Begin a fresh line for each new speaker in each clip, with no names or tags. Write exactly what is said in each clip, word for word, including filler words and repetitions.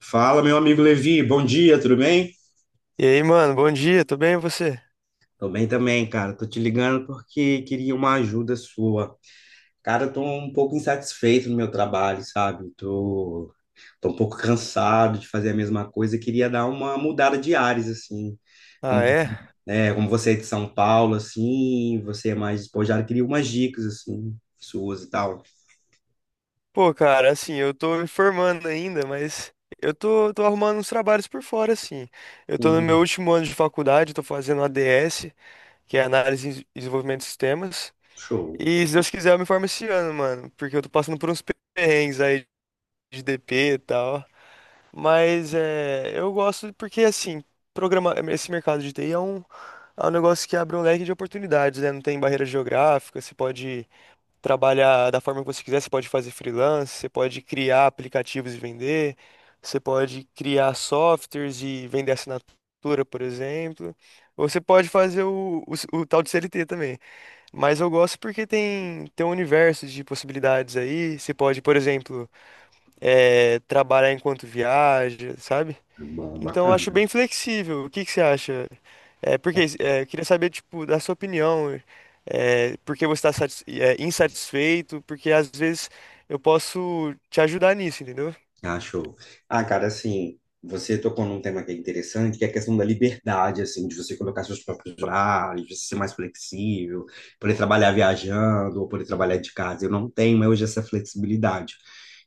Fala, meu amigo Levi, bom dia, tudo bem?
E aí, mano, bom dia, tudo bem e você?
Tô bem também, cara. Tô te ligando porque queria uma ajuda sua. Cara, eu tô um pouco insatisfeito no meu trabalho, sabe? Tô, tô um pouco cansado de fazer a mesma coisa. Queria dar uma mudada de ares, assim.
Ah,
Como,
é?
é, como você é de São Paulo, assim, você é mais despojado, queria umas dicas, assim, suas e tal.
Pô, cara, assim, eu tô me formando ainda, mas eu tô, tô arrumando uns trabalhos por fora, assim. Eu tô no meu
Uhum.
último ano de faculdade, tô fazendo A D S, que é Análise e Desenvolvimento de Sistemas.
Show.
E se Deus quiser, eu me formo esse ano, mano, porque eu tô passando por uns perrengues aí de D P e tal. Mas é, eu gosto porque, assim, programa, esse mercado de T I é um, é um negócio que abre um leque de oportunidades, né? Não tem barreira geográfica, você pode trabalhar da forma que você quiser, você pode fazer freelance, você pode criar aplicativos e vender, você pode criar softwares e vender assinatura, por exemplo. Ou você pode fazer o, o, o tal de C L T também. Mas eu gosto porque tem, tem um universo de possibilidades aí. Você pode, por exemplo, eh, trabalhar enquanto viaja, sabe?
Bom,
Então, eu acho
bacana.
bem flexível. O que que você acha? É, porque é, eu queria saber, tipo, da sua opinião. É, por que você está insatisfeito? Porque às vezes eu posso te ajudar nisso, entendeu?
Ah, show. Ah, cara, assim, você tocou num tema que é interessante, que é a questão da liberdade, assim, de você colocar seus próprios horários, de você ser mais flexível, poder trabalhar viajando ou poder trabalhar de casa. Eu não tenho hoje essa flexibilidade.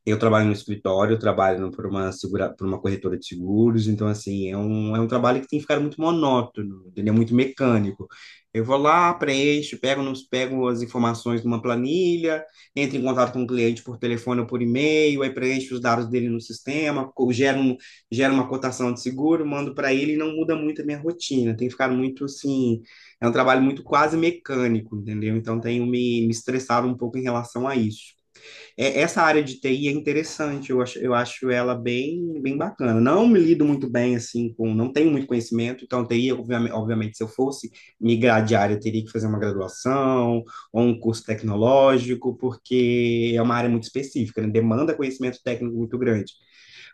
Eu trabalho no escritório, eu trabalho por uma segura, por uma corretora de seguros, então, assim, é um, é um trabalho que tem ficado muito monótono, entendeu? Muito mecânico. Eu vou lá, preencho, pego, pego as informações numa planilha, entra em contato com o cliente por telefone ou por e-mail, aí preenche os dados dele no sistema, gera, um, gera uma cotação de seguro, mando para ele e não muda muito a minha rotina. Tem ficado muito assim, é um trabalho muito quase mecânico, entendeu? Então tenho me, me estressado um pouco em relação a isso é, Essa área de T I é interessante, eu acho, eu acho ela bem, bem bacana. Não me lido muito bem, assim, com, não tenho muito conhecimento, então T I, obviamente, obviamente, se eu fosse migrar de área, eu teria que fazer uma graduação ou um curso tecnológico, porque é uma área muito específica, né? Demanda conhecimento técnico muito grande.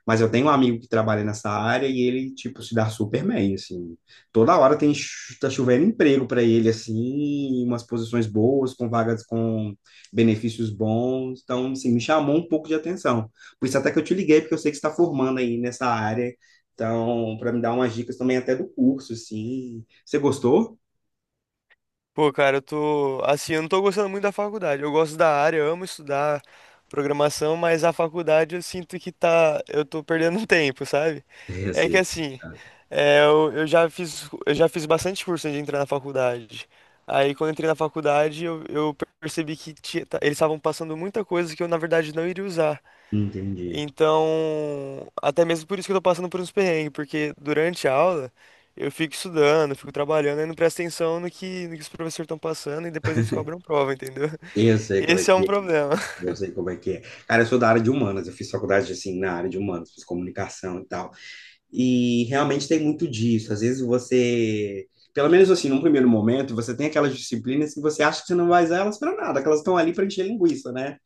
Mas eu tenho um amigo que trabalha nessa área e ele, tipo, se dá super bem, assim. Toda hora tem, chu- tá chovendo emprego para ele, assim, umas posições boas, com vagas com benefícios bons. Então, assim, me chamou um pouco de atenção. Por isso até que eu te liguei, porque eu sei que você está formando aí nessa área. Então, para me dar umas dicas também até do curso, assim. Você gostou?
Pô, cara, eu tô. Assim, eu não tô gostando muito da faculdade. Eu gosto da área, eu amo estudar programação, mas a faculdade eu sinto que tá. Eu tô perdendo tempo, sabe?
Eu
É que
sei.
assim, é, eu, eu já fiz, eu já fiz bastante curso antes de entrar na faculdade. Aí quando eu entrei na faculdade, eu, eu percebi que tinha- tá- eles estavam passando muita coisa que eu, na verdade, não iria usar.
Entendi.
Então, até mesmo por isso que eu tô passando por uns perrengues, porque durante a aula eu fico estudando, fico trabalhando e não presto atenção no que, no que os professores estão passando e depois eles cobram prova, entendeu?
Eu sei como é
Esse é um
que é.
problema.
Eu sei como é que é. Cara, eu sou da área de humanas, eu fiz faculdade assim na área de humanas, fiz comunicação e tal. E realmente tem muito disso. Às vezes você, pelo menos assim, num primeiro momento, você tem aquelas disciplinas que você acha que você não vai usar elas para nada, que elas estão ali para encher linguiça, né?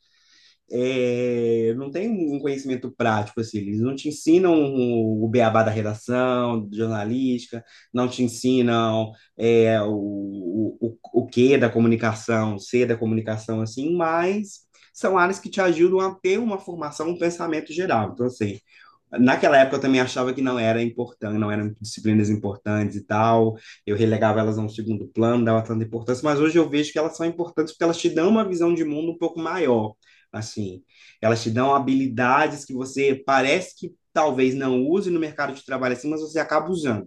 É, não tem um um conhecimento prático, assim, eles não te ensinam o beabá da redação, de jornalística, não te ensinam é, o, o, o que da comunicação, o C da comunicação, assim, mas são áreas que te ajudam a ter uma formação, um pensamento geral. Então, assim, naquela época eu também achava que não era importante, não eram disciplinas importantes e tal. Eu relegava elas a um segundo plano, dava tanta importância, mas hoje eu vejo que elas são importantes porque elas te dão uma visão de mundo um pouco maior, assim. Elas te dão habilidades que você parece que talvez não use no mercado de trabalho assim, mas você acaba usando,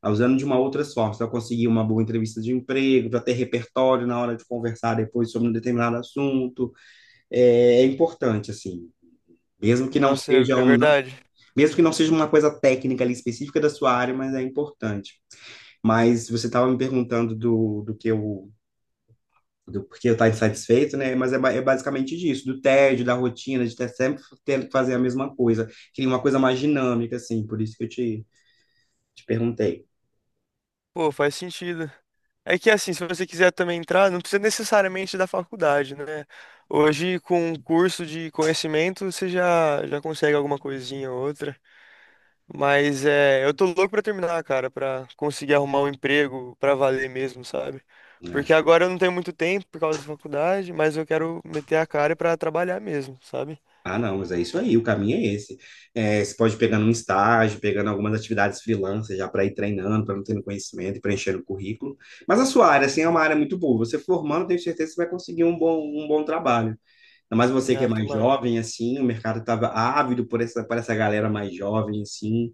tá usando de uma outra forma, para conseguir uma boa entrevista de emprego, para ter repertório na hora de conversar depois sobre um determinado assunto. É, é importante assim, mesmo que não
Nossa, é,
seja
é
um, não
verdade.
mesmo que não seja uma coisa técnica ali específica da sua área, mas é importante. Mas você estava me perguntando do, do que eu do porquê eu estar insatisfeito, né? Mas é, ba- é basicamente disso, do tédio, da rotina, de ter sempre ter que fazer a mesma coisa. Queria uma coisa mais dinâmica, assim, por isso que eu te, te perguntei,
Pô, faz sentido. É que assim, se você quiser também entrar, não precisa necessariamente da faculdade, né? Hoje, com um curso de conhecimento, você já, já consegue alguma coisinha ou outra. Mas é, eu tô louco pra terminar, cara, pra conseguir arrumar um emprego pra valer mesmo, sabe?
eu
Porque
acho.
agora eu não tenho muito tempo por causa da faculdade, mas eu quero meter a cara pra trabalhar mesmo, sabe?
Ah, não, mas é isso aí, o caminho é esse. É, você pode pegar um estágio, pegando algumas atividades freelance já para ir treinando, para não ter conhecimento e preenchendo o currículo. Mas a sua área, assim, é uma área muito boa. Você formando, tenho certeza que você vai conseguir um bom, um bom trabalho. Ainda mais você que é
Ah,
mais
tomara.
jovem, assim, o mercado estava ávido por essa, por essa galera mais jovem, assim.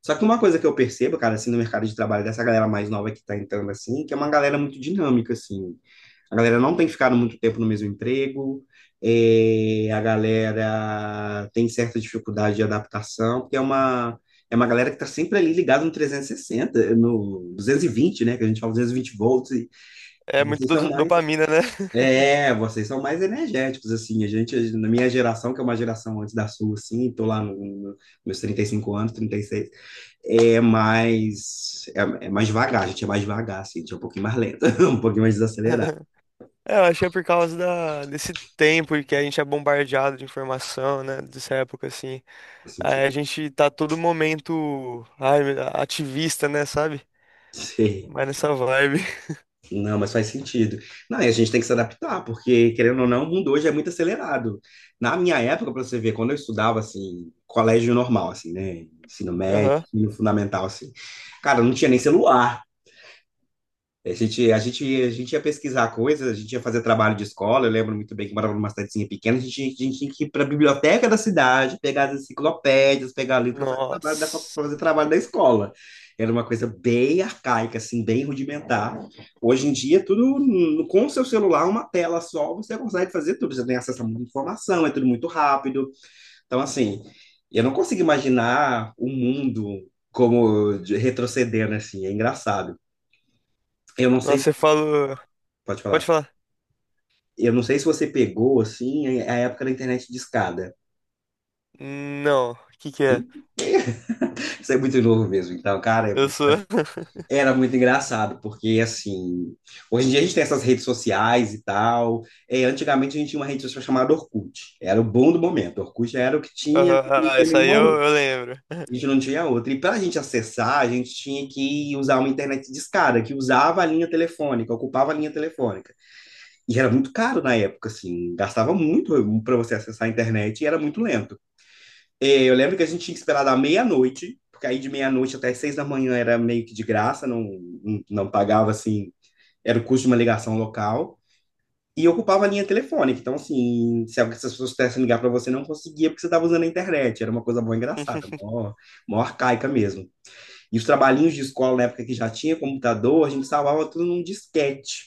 Só que uma coisa que eu percebo, cara, assim, no mercado de trabalho dessa galera mais nova que está entrando, assim, que é uma galera muito dinâmica, assim. A galera não tem ficado muito tempo no mesmo emprego, é, a galera tem certa dificuldade de adaptação, porque é uma, é uma galera que está sempre ali ligada no trezentos e sessenta, no duzentos e vinte, né? Que a gente fala duzentos e vinte volts, e
É muito
vocês são
do-
mais.
dopamina, né?
É, vocês são mais energéticos, assim. A gente, na minha geração, que é uma geração antes da sua, assim, tô lá no, no, meus trinta e cinco anos, trinta e seis, é mais, é, é mais devagar, a gente é mais devagar, assim, a gente é um pouquinho mais lento, um pouquinho mais desacelerado,
É, eu achei por causa da, desse tempo que a gente é bombardeado de informação, né? Dessa época, assim.
assim,
Aí
tipo,
a gente tá todo momento, ai, ativista, né? Sabe?
sei.
Mas nessa vibe.
Não, mas faz sentido. Não, e a gente tem que se adaptar, porque, querendo ou não, o mundo hoje é muito acelerado. Na minha época, para você ver, quando eu estudava, assim, colégio normal, assim, né? Ensino médio,
Aham.
ensino fundamental, assim. Cara, não tinha nem celular. A gente, a gente, a gente ia pesquisar coisas, a gente ia fazer trabalho de escola. Eu lembro muito bem que morava numa cidadezinha pequena, a gente, a gente tinha que ir para a biblioteca da cidade, pegar as enciclopédias, pegar livro para fazer trabalho da, pra
Nossa.
fazer trabalho da escola. Era uma coisa bem arcaica, assim, bem rudimentar. Hoje em dia, tudo no- com o seu celular, uma tela só, você consegue fazer tudo. Você tem acesso a muita informação, é tudo muito rápido. Então, assim, eu não consigo imaginar o mundo como de- retrocedendo, assim, é engraçado. Eu não sei
Nossa, você
se.
falou.
Pode
Pode
falar.
falar.
Eu não sei se você pegou, assim, a a época da internet discada.
Não, o que que é?
Ih, isso é muito novo mesmo. Então, cara, é
Eu
muito-
sou.
era muito engraçado, porque, assim, hoje em dia a gente tem essas redes sociais e tal. É, antigamente a gente tinha uma rede social chamada Orkut. Era o bom do momento. Orkut era o que tinha, a
Aham,
gente não
ah,
tinha
isso aí
nenhuma
eu,
outra.
eu lembro.
A gente não tinha outra. E para a gente acessar, a gente tinha que usar uma internet discada, que usava a linha telefônica, ocupava a linha telefônica. E era muito caro na época, assim, gastava muito para você acessar a internet e era muito lento. É, eu lembro que a gente tinha que esperar da meia-noite, porque aí de meia-noite até seis da manhã era meio que de graça, não, não, não pagava assim, era o custo de uma ligação local. E ocupava a linha telefônica. Então, assim, se alguém- se as pessoas quisessem ligar para você, não conseguia porque você estava usando a internet. Era uma coisa boa engraçada, mó, mó arcaica mesmo. E os trabalhinhos de escola, na época que já tinha computador, a gente salvava tudo num disquete,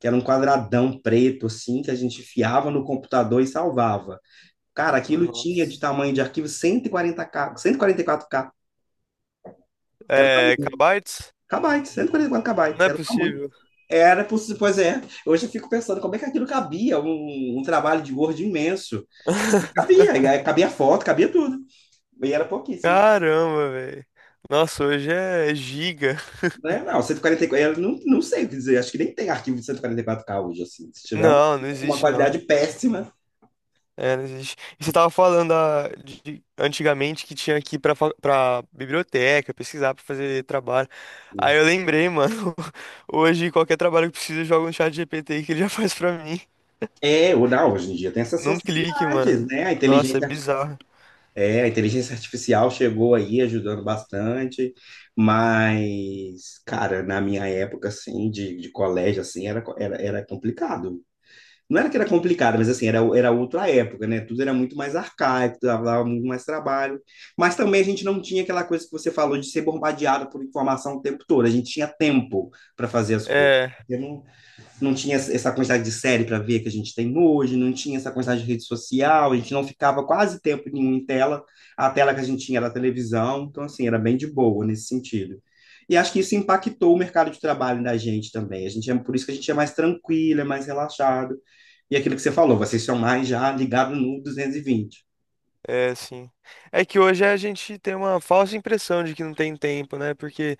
que era um quadradão preto, assim, que a gente enfiava no computador e salvava. Cara, aquilo tinha de
Nossa.
tamanho de arquivo cento e quarenta K, cento e quarenta e quatro K. Era o
É,
tamanho.
Kabaits?
K B, cento e quarenta e quatro K B,
Não é
era o tamanho.
possível.
Era possível, pois é. Hoje eu fico pensando como é que aquilo cabia, um, um trabalho de Word imenso. Cabia, e aí cabia foto, cabia tudo. E era pouquíssimo.
Caramba, velho. Nossa, hoje é giga.
Né? Não, cento e quarenta e quatro, eu não, não sei o que dizer, acho que nem tem arquivo de cento e quarenta e quatro K hoje, assim. Se tiver uma,
Não, não
uma
existe não.
qualidade péssima.
É, não existe. E você tava falando da- de, de- antigamente que tinha que ir pra, fa- pra biblioteca, pesquisar pra fazer trabalho. Aí eu lembrei, mano. Hoje qualquer trabalho que precisa, joga no chat G P T que ele já faz pra mim.
É, ou não, hoje em dia tem essas
Num clique,
facilidades,
mano.
né? A
Nossa, é
inteligência
bizarro.
É, a inteligência artificial chegou aí ajudando bastante, mas, cara, na minha época, assim, de, de colégio, assim, era, co- era, era complicado. Não era que era complicado, mas, assim, era, era outra época, né? Tudo era muito mais arcaico, dava muito mais trabalho. Mas também a gente não tinha aquela coisa que você falou de ser bombardeado por informação o tempo todo. A gente tinha tempo para fazer as coisas
É,
não tinha essa quantidade de série para ver que a gente tem hoje, não tinha essa quantidade de rede social, a gente não ficava quase tempo nenhum em tela, a tela que a gente tinha era a televisão, então assim, era bem de boa nesse sentido. E acho que isso impactou o mercado de trabalho da gente também. A gente é por isso que a gente é mais tranquilo, é mais relaxado. E aquilo que você falou, vocês são mais já ligados no duzentos e vinte.
é assim. É que hoje a gente tem uma falsa impressão de que não tem tempo, né? Porque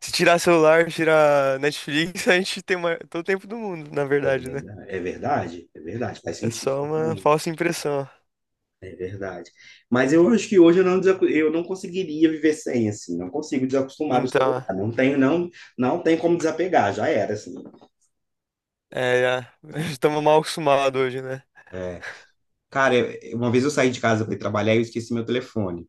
se tirar celular, tirar Netflix, a gente tem ma- todo o tempo do mundo, na verdade, né?
É. É verdade, é verdade, faz
É
sentido.
só uma falsa impressão.
É verdade. Mas eu acho que hoje eu não, desacu- eu não conseguiria viver sem, assim. Não consigo desacostumar do celular.
Então,
Não tenho, não, não tem como desapegar, já era, assim.
é, é, estamos mal acostumados hoje, né?
Cara, eu- uma vez eu saí de casa para ir trabalhar e eu esqueci meu telefone.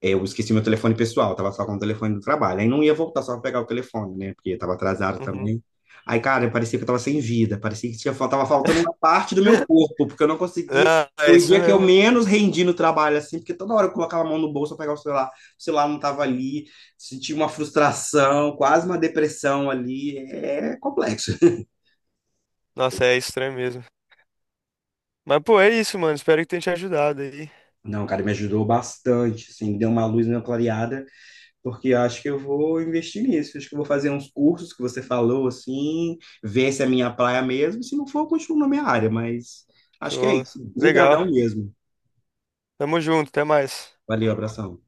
Eu esqueci meu telefone pessoal, tava só com o telefone do trabalho. Aí não ia voltar só pra pegar o telefone, né? Porque tava atrasado
Uhum.
também. Aí, cara, parecia que eu tava sem vida, parecia que tinha, fal- tava faltando uma parte do meu corpo, porque eu não conseguia.
Ah, é
Foi o
isso
dia que eu
mesmo.
menos rendi no trabalho, assim, porque toda hora eu colocava a mão no bolso pra pegar o celular, o celular não tava ali, senti uma frustração, quase uma depressão ali. É complexo.
Nossa, é estranho mesmo. Mas, pô, é isso, mano. Espero que tenha te ajudado aí.
Não, cara, me ajudou bastante, assim, deu uma luz na clareada. Porque acho que eu vou investir nisso. Acho que eu vou fazer uns cursos que você falou, assim, ver se é minha praia mesmo. Se não for, eu continuo na minha área, mas acho que é
Show.
isso.
Legal.
Obrigadão mesmo.
Tamo junto, até mais.
Valeu, abração.